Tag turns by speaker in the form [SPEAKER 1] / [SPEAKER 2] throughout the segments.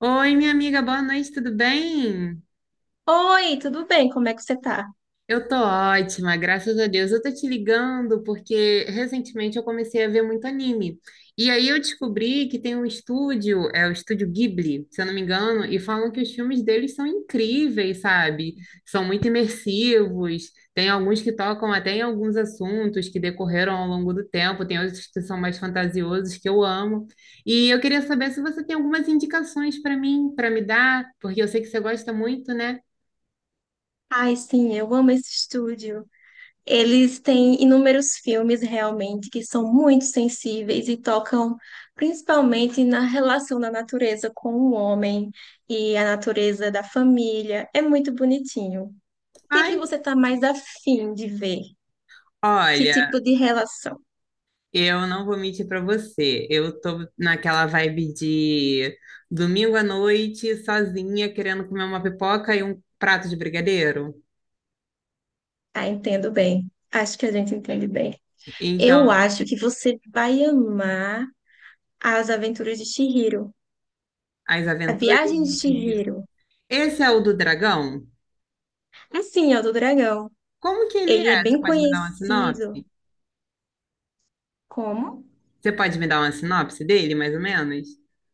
[SPEAKER 1] Oi, minha amiga, boa noite, tudo bem?
[SPEAKER 2] Oi, tudo bem? Como é que você tá?
[SPEAKER 1] Eu tô ótima, graças a Deus. Eu tô te ligando porque recentemente eu comecei a ver muito anime. E aí eu descobri que tem um estúdio, é o estúdio Ghibli, se eu não me engano, e falam que os filmes deles são incríveis, sabe? São muito imersivos. Tem alguns que tocam até em alguns assuntos que decorreram ao longo do tempo, tem outros que são mais fantasiosos que eu amo. E eu queria saber se você tem algumas indicações para mim, para me dar, porque eu sei que você gosta muito, né?
[SPEAKER 2] Ai, sim, eu amo esse estúdio. Eles têm inúmeros filmes realmente que são muito sensíveis e tocam principalmente na relação da natureza com o homem e a natureza da família. É muito bonitinho. O que é que
[SPEAKER 1] Ai,
[SPEAKER 2] você está mais afim de ver? Que
[SPEAKER 1] olha,
[SPEAKER 2] tipo de relação?
[SPEAKER 1] eu não vou mentir pra você. Eu tô naquela vibe de domingo à noite, sozinha, querendo comer uma pipoca e um prato de brigadeiro.
[SPEAKER 2] Ah, entendo bem. Acho que a gente entende bem.
[SPEAKER 1] Então,
[SPEAKER 2] Eu acho que você vai amar As Aventuras de Chihiro.
[SPEAKER 1] As
[SPEAKER 2] A
[SPEAKER 1] Aventuras
[SPEAKER 2] Viagem de
[SPEAKER 1] de Chihiro.
[SPEAKER 2] Chihiro.
[SPEAKER 1] Esse é o do dragão?
[SPEAKER 2] Assim, ó, do dragão.
[SPEAKER 1] Como que ele
[SPEAKER 2] Ele é
[SPEAKER 1] é? Você
[SPEAKER 2] bem
[SPEAKER 1] pode me dar uma
[SPEAKER 2] conhecido
[SPEAKER 1] sinopse?
[SPEAKER 2] como?
[SPEAKER 1] Você pode me dar uma sinopse dele, mais ou menos?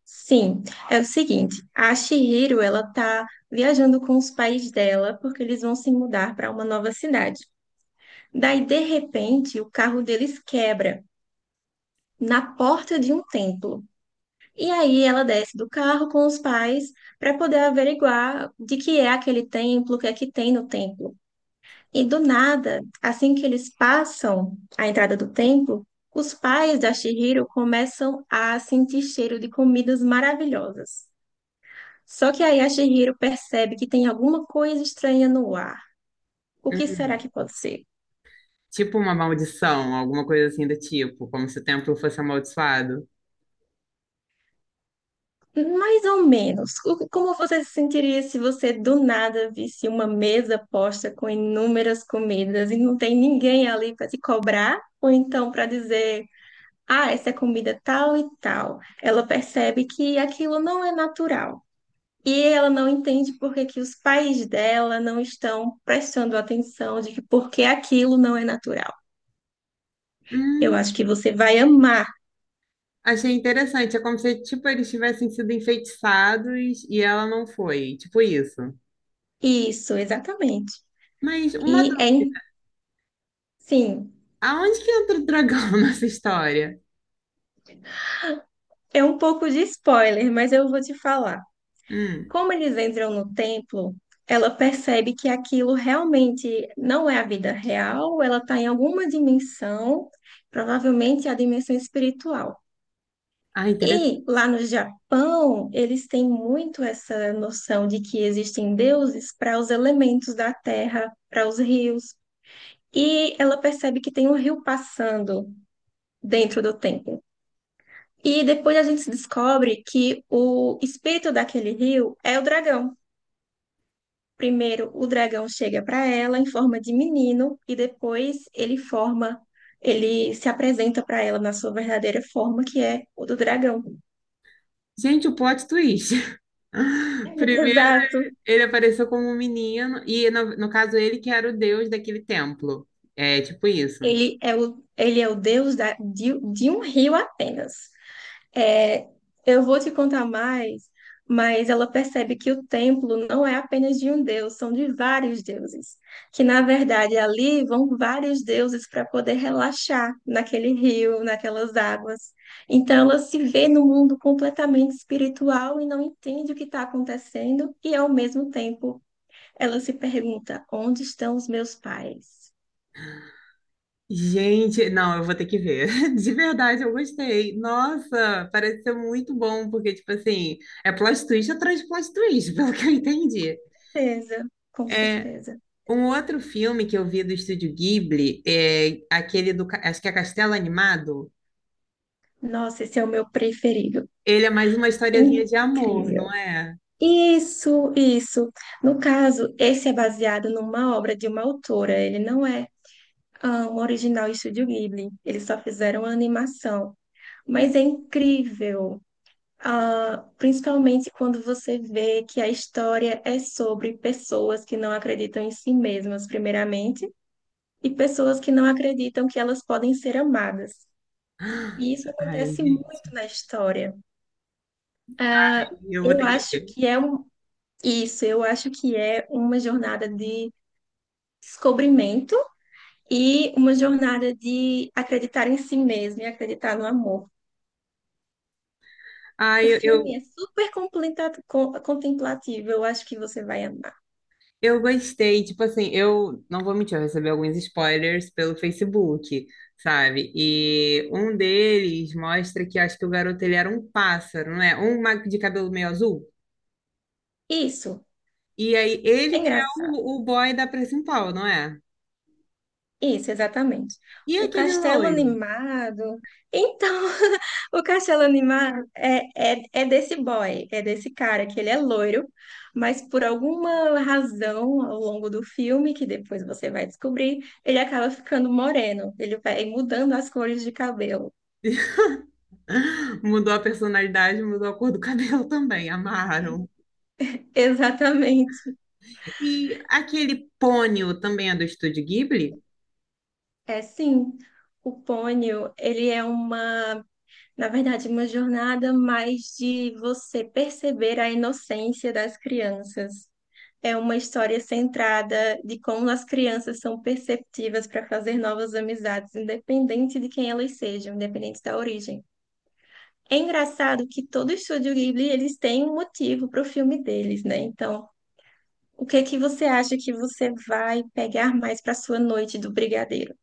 [SPEAKER 2] Sim, é o seguinte, a Chihiro, ela tá viajando com os pais dela porque eles vão se mudar para uma nova cidade. Daí, de repente, o carro deles quebra na porta de um templo. E aí ela desce do carro com os pais para poder averiguar de que é aquele templo, o que é que tem no templo. E do nada, assim que eles passam a entrada do templo, os pais da Chihiro começam a sentir cheiro de comidas maravilhosas. Só que aí a Chihiro percebe que tem alguma coisa estranha no ar. O que
[SPEAKER 1] Hum,
[SPEAKER 2] será que pode ser?
[SPEAKER 1] tipo uma maldição, alguma coisa assim do tipo, como se o templo fosse amaldiçoado.
[SPEAKER 2] Mais ou menos. Como você se sentiria se você do nada visse uma mesa posta com inúmeras comidas e não tem ninguém ali para te cobrar? Ou então para dizer, ah, essa é comida tal e tal. Ela percebe que aquilo não é natural. E ela não entende por que que os pais dela não estão prestando atenção de que por que aquilo não é natural. Eu
[SPEAKER 1] Hum.
[SPEAKER 2] acho que você vai amar
[SPEAKER 1] Achei interessante, é como se, tipo, eles tivessem sido enfeitiçados e ela não foi, tipo isso.
[SPEAKER 2] isso, exatamente.
[SPEAKER 1] Mas uma
[SPEAKER 2] E é,
[SPEAKER 1] dúvida,
[SPEAKER 2] in- sim,
[SPEAKER 1] aonde que entra o dragão nessa história?
[SPEAKER 2] é um pouco de spoiler, mas eu vou te falar.
[SPEAKER 1] Hum.
[SPEAKER 2] Como eles entram no templo, ela percebe que aquilo realmente não é a vida real, ela está em alguma dimensão, provavelmente a dimensão espiritual.
[SPEAKER 1] Ah, interessante.
[SPEAKER 2] E lá no Japão, eles têm muito essa noção de que existem deuses para os elementos da terra, para os rios. E ela percebe que tem um rio passando dentro do templo. E depois a gente descobre que o espírito daquele rio é o dragão. Primeiro, o dragão chega para ela em forma de menino e depois ele forma, ele se apresenta para ela na sua verdadeira forma, que é o do dragão.
[SPEAKER 1] Gente, o plot twist. Primeiro,
[SPEAKER 2] Exato.
[SPEAKER 1] ele apareceu como um menino e, no caso, ele que era o deus daquele templo. É, tipo isso.
[SPEAKER 2] Ele é o deus de um rio apenas. É, eu vou te contar mais, mas ela percebe que o templo não é apenas de um deus, são de vários deuses. Que na verdade ali vão vários deuses para poder relaxar naquele rio, naquelas águas. Então ela se vê no mundo completamente espiritual e não entende o que está acontecendo, e ao mesmo tempo ela se pergunta: onde estão os meus pais?
[SPEAKER 1] Gente, não, eu vou ter que ver. De verdade, eu gostei. Nossa, parece ser muito bom, porque, tipo assim, é plot twist atrás de plot twist, pelo que eu entendi.
[SPEAKER 2] Certeza, com certeza.
[SPEAKER 1] Um outro filme que eu vi do Estúdio Ghibli é aquele do, acho que é Castelo Animado.
[SPEAKER 2] Nossa, esse é o meu preferido.
[SPEAKER 1] Ele é mais uma historiazinha de amor, não
[SPEAKER 2] Incrível.
[SPEAKER 1] é?
[SPEAKER 2] Isso, isso. No caso, esse é baseado numa obra de uma autora. Ele não é um original Estúdio Ghibli. Eles só fizeram a animação. Mas é incrível, principalmente quando você vê que a história é sobre pessoas que não acreditam em si mesmas, primeiramente, e pessoas que não acreditam que elas podem ser amadas. E isso
[SPEAKER 1] Ai,
[SPEAKER 2] acontece muito
[SPEAKER 1] gente,
[SPEAKER 2] na história. Ah,
[SPEAKER 1] eu vou
[SPEAKER 2] Eu
[SPEAKER 1] ter que
[SPEAKER 2] acho
[SPEAKER 1] ver.
[SPEAKER 2] que é um, isso, eu acho que é uma jornada de descobrimento e uma jornada de acreditar em si mesmo e acreditar no amor.
[SPEAKER 1] Ai,
[SPEAKER 2] O filme é super contemplativo, eu acho que você vai amar.
[SPEAKER 1] eu gostei. Tipo assim, eu não vou mentir, eu recebi alguns spoilers pelo Facebook, sabe? E um deles mostra que acho que o garoto ele era um pássaro, não é? Um mago de cabelo meio azul.
[SPEAKER 2] Isso,
[SPEAKER 1] E aí,
[SPEAKER 2] é
[SPEAKER 1] ele que é
[SPEAKER 2] engraçado.
[SPEAKER 1] o boy da principal, não é?
[SPEAKER 2] Isso, exatamente.
[SPEAKER 1] E
[SPEAKER 2] O
[SPEAKER 1] aquele
[SPEAKER 2] castelo
[SPEAKER 1] loiro?
[SPEAKER 2] animado. Então, o castelo animado é, é, é desse boy, é desse cara, que ele é loiro, mas por alguma razão ao longo do filme, que depois você vai descobrir, ele acaba ficando moreno, ele vai mudando as cores de cabelo.
[SPEAKER 1] Mudou a personalidade, mudou a cor do cabelo também, amaram.
[SPEAKER 2] Exatamente.
[SPEAKER 1] E aquele pônio também é do Estúdio Ghibli?
[SPEAKER 2] É sim. O pônio, ele é uma, na verdade, uma jornada mais de você perceber a inocência das crianças. É uma história centrada de como as crianças são perceptivas para fazer novas amizades, independente de quem elas sejam, independente da origem. É engraçado que todo estúdio Ghibli, eles têm um motivo para o filme deles, né? Então, o que que você acha que você vai pegar mais para sua noite do Brigadeiro?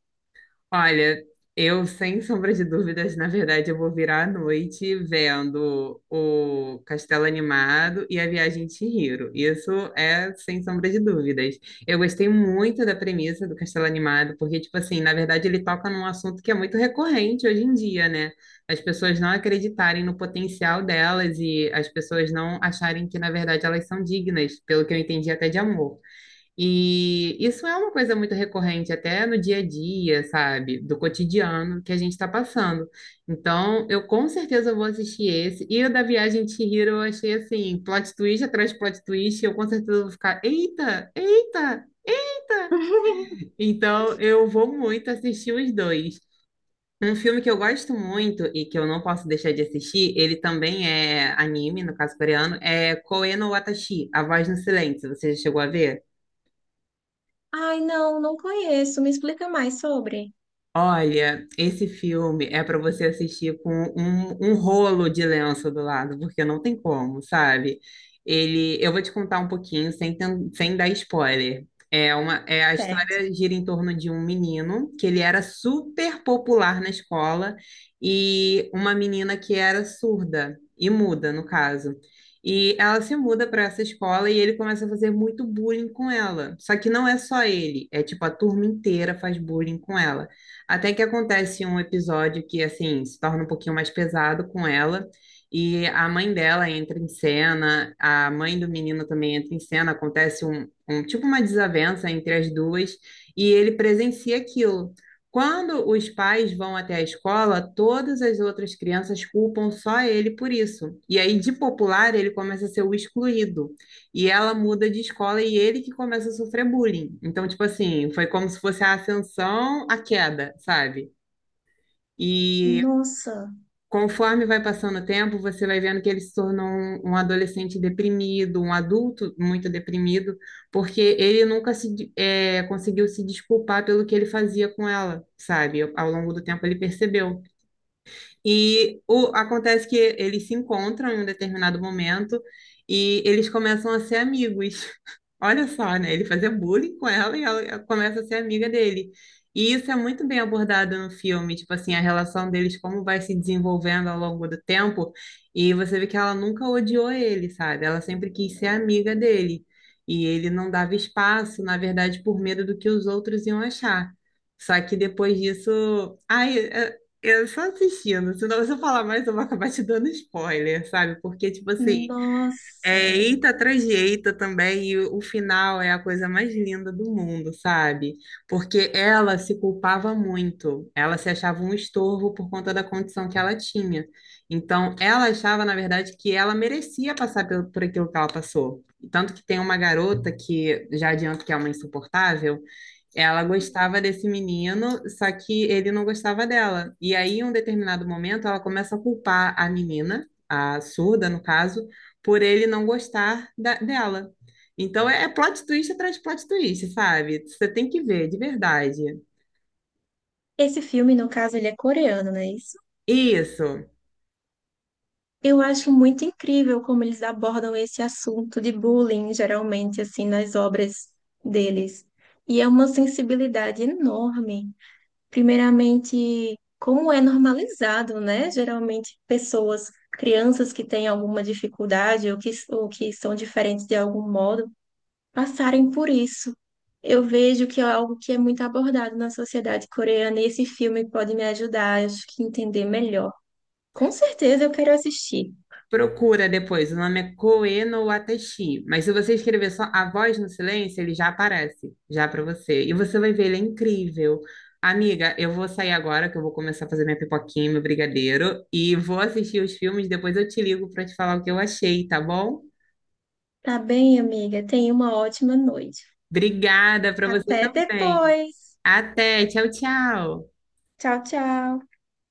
[SPEAKER 1] Olha, eu sem sombra de dúvidas, na verdade, eu vou virar à noite vendo o Castelo Animado e a Viagem de Chihiro. Isso é sem sombra de dúvidas. Eu gostei muito da premissa do Castelo Animado, porque, tipo assim, na verdade ele toca num assunto que é muito recorrente hoje em dia, né? As pessoas não acreditarem no potencial delas e as pessoas não acharem que, na verdade, elas são dignas, pelo que eu entendi até de amor. E isso é uma coisa muito recorrente até no dia a dia, sabe? Do cotidiano que a gente está passando. Então, eu com certeza vou assistir esse. E o da Viagem de Chihiro eu achei assim, plot twist atrás de plot twist, eu com certeza vou ficar, eita, eita, eita! Então, eu vou muito assistir os dois. Um filme que eu gosto muito e que eu não posso deixar de assistir, ele também é anime, no caso coreano, é Koe no Watashi, A Voz no Silêncio. Você já chegou a ver?
[SPEAKER 2] Ai, não, não conheço. Me explica mais sobre.
[SPEAKER 1] Olha, esse filme é para você assistir com um rolo de lenço do lado, porque não tem como, sabe? Ele, eu vou te contar um pouquinho sem, sem dar spoiler. É a
[SPEAKER 2] Certo.
[SPEAKER 1] história gira em torno de um menino que ele era super popular na escola e uma menina que era surda e muda, no caso. E ela se muda para essa escola e ele começa a fazer muito bullying com ela. Só que não é só ele, é tipo a turma inteira faz bullying com ela. Até que acontece um episódio que, assim, se torna um pouquinho mais pesado com ela. E a mãe dela entra em cena, a mãe do menino também entra em cena, acontece um tipo uma desavença entre as duas, e ele presencia aquilo. Quando os pais vão até a escola, todas as outras crianças culpam só ele por isso. E aí, de popular, ele começa a ser o excluído. E ela muda de escola e ele que começa a sofrer bullying. Então, tipo assim, foi como se fosse a ascensão, a queda, sabe? E
[SPEAKER 2] Nossa,
[SPEAKER 1] conforme vai passando o tempo, você vai vendo que ele se tornou um adolescente deprimido, um adulto muito deprimido, porque ele nunca se, conseguiu se desculpar pelo que ele fazia com ela, sabe? Ao longo do tempo ele percebeu. E o, acontece que eles se encontram em um determinado momento e eles começam a ser amigos. Olha só, né? Ele fazia bullying com ela e ela começa a ser amiga dele. E isso é muito bem abordado no filme, tipo assim, a relação deles, como vai se desenvolvendo ao longo do tempo. E você vê que ela nunca odiou ele, sabe? Ela sempre quis ser amiga dele. E ele não dava espaço, na verdade, por medo do que os outros iam achar. Só que depois disso, eu só assistindo, senão se eu falar mais eu vou acabar te dando spoiler, sabe? Porque, tipo assim, é
[SPEAKER 2] nossa.
[SPEAKER 1] eita atrás de eita também, e o final é a coisa mais linda do mundo, sabe? Porque ela se culpava muito, ela se achava um estorvo por conta da condição que ela tinha. Então, ela achava, na verdade, que ela merecia passar por aquilo que ela passou. Tanto que tem uma garota que, já adianto que é uma insuportável, ela gostava desse menino, só que ele não gostava dela. E aí, em um determinado momento, ela começa a culpar a menina, a surda, no caso, por ele não gostar dela. Então, é plot twist atrás de plot twist, sabe? Você tem que ver, de verdade.
[SPEAKER 2] Esse filme, no caso, ele é coreano, não é isso?
[SPEAKER 1] Isso.
[SPEAKER 2] Eu acho muito incrível como eles abordam esse assunto de bullying, geralmente, assim, nas obras deles. E é uma sensibilidade enorme. Primeiramente, como é normalizado, né? Geralmente, pessoas, crianças que têm alguma dificuldade ou que são diferentes de algum modo, passarem por isso. Eu vejo que é algo que é muito abordado na sociedade coreana e esse filme pode me ajudar, acho que entender melhor. Com certeza eu quero assistir.
[SPEAKER 1] Procura depois, o nome é Koe no Watashi, mas se você escrever só A Voz no Silêncio, ele já aparece, já para você. E você vai ver, ele é incrível. Amiga, eu vou sair agora que eu vou começar a fazer minha pipoquinha, meu brigadeiro, e vou assistir os filmes, depois eu te ligo para te falar o que eu achei, tá bom?
[SPEAKER 2] Tá bem, amiga? Tenha uma ótima noite.
[SPEAKER 1] Obrigada para você
[SPEAKER 2] Até
[SPEAKER 1] também.
[SPEAKER 2] depois.
[SPEAKER 1] Até, tchau, tchau.
[SPEAKER 2] Tchau, tchau.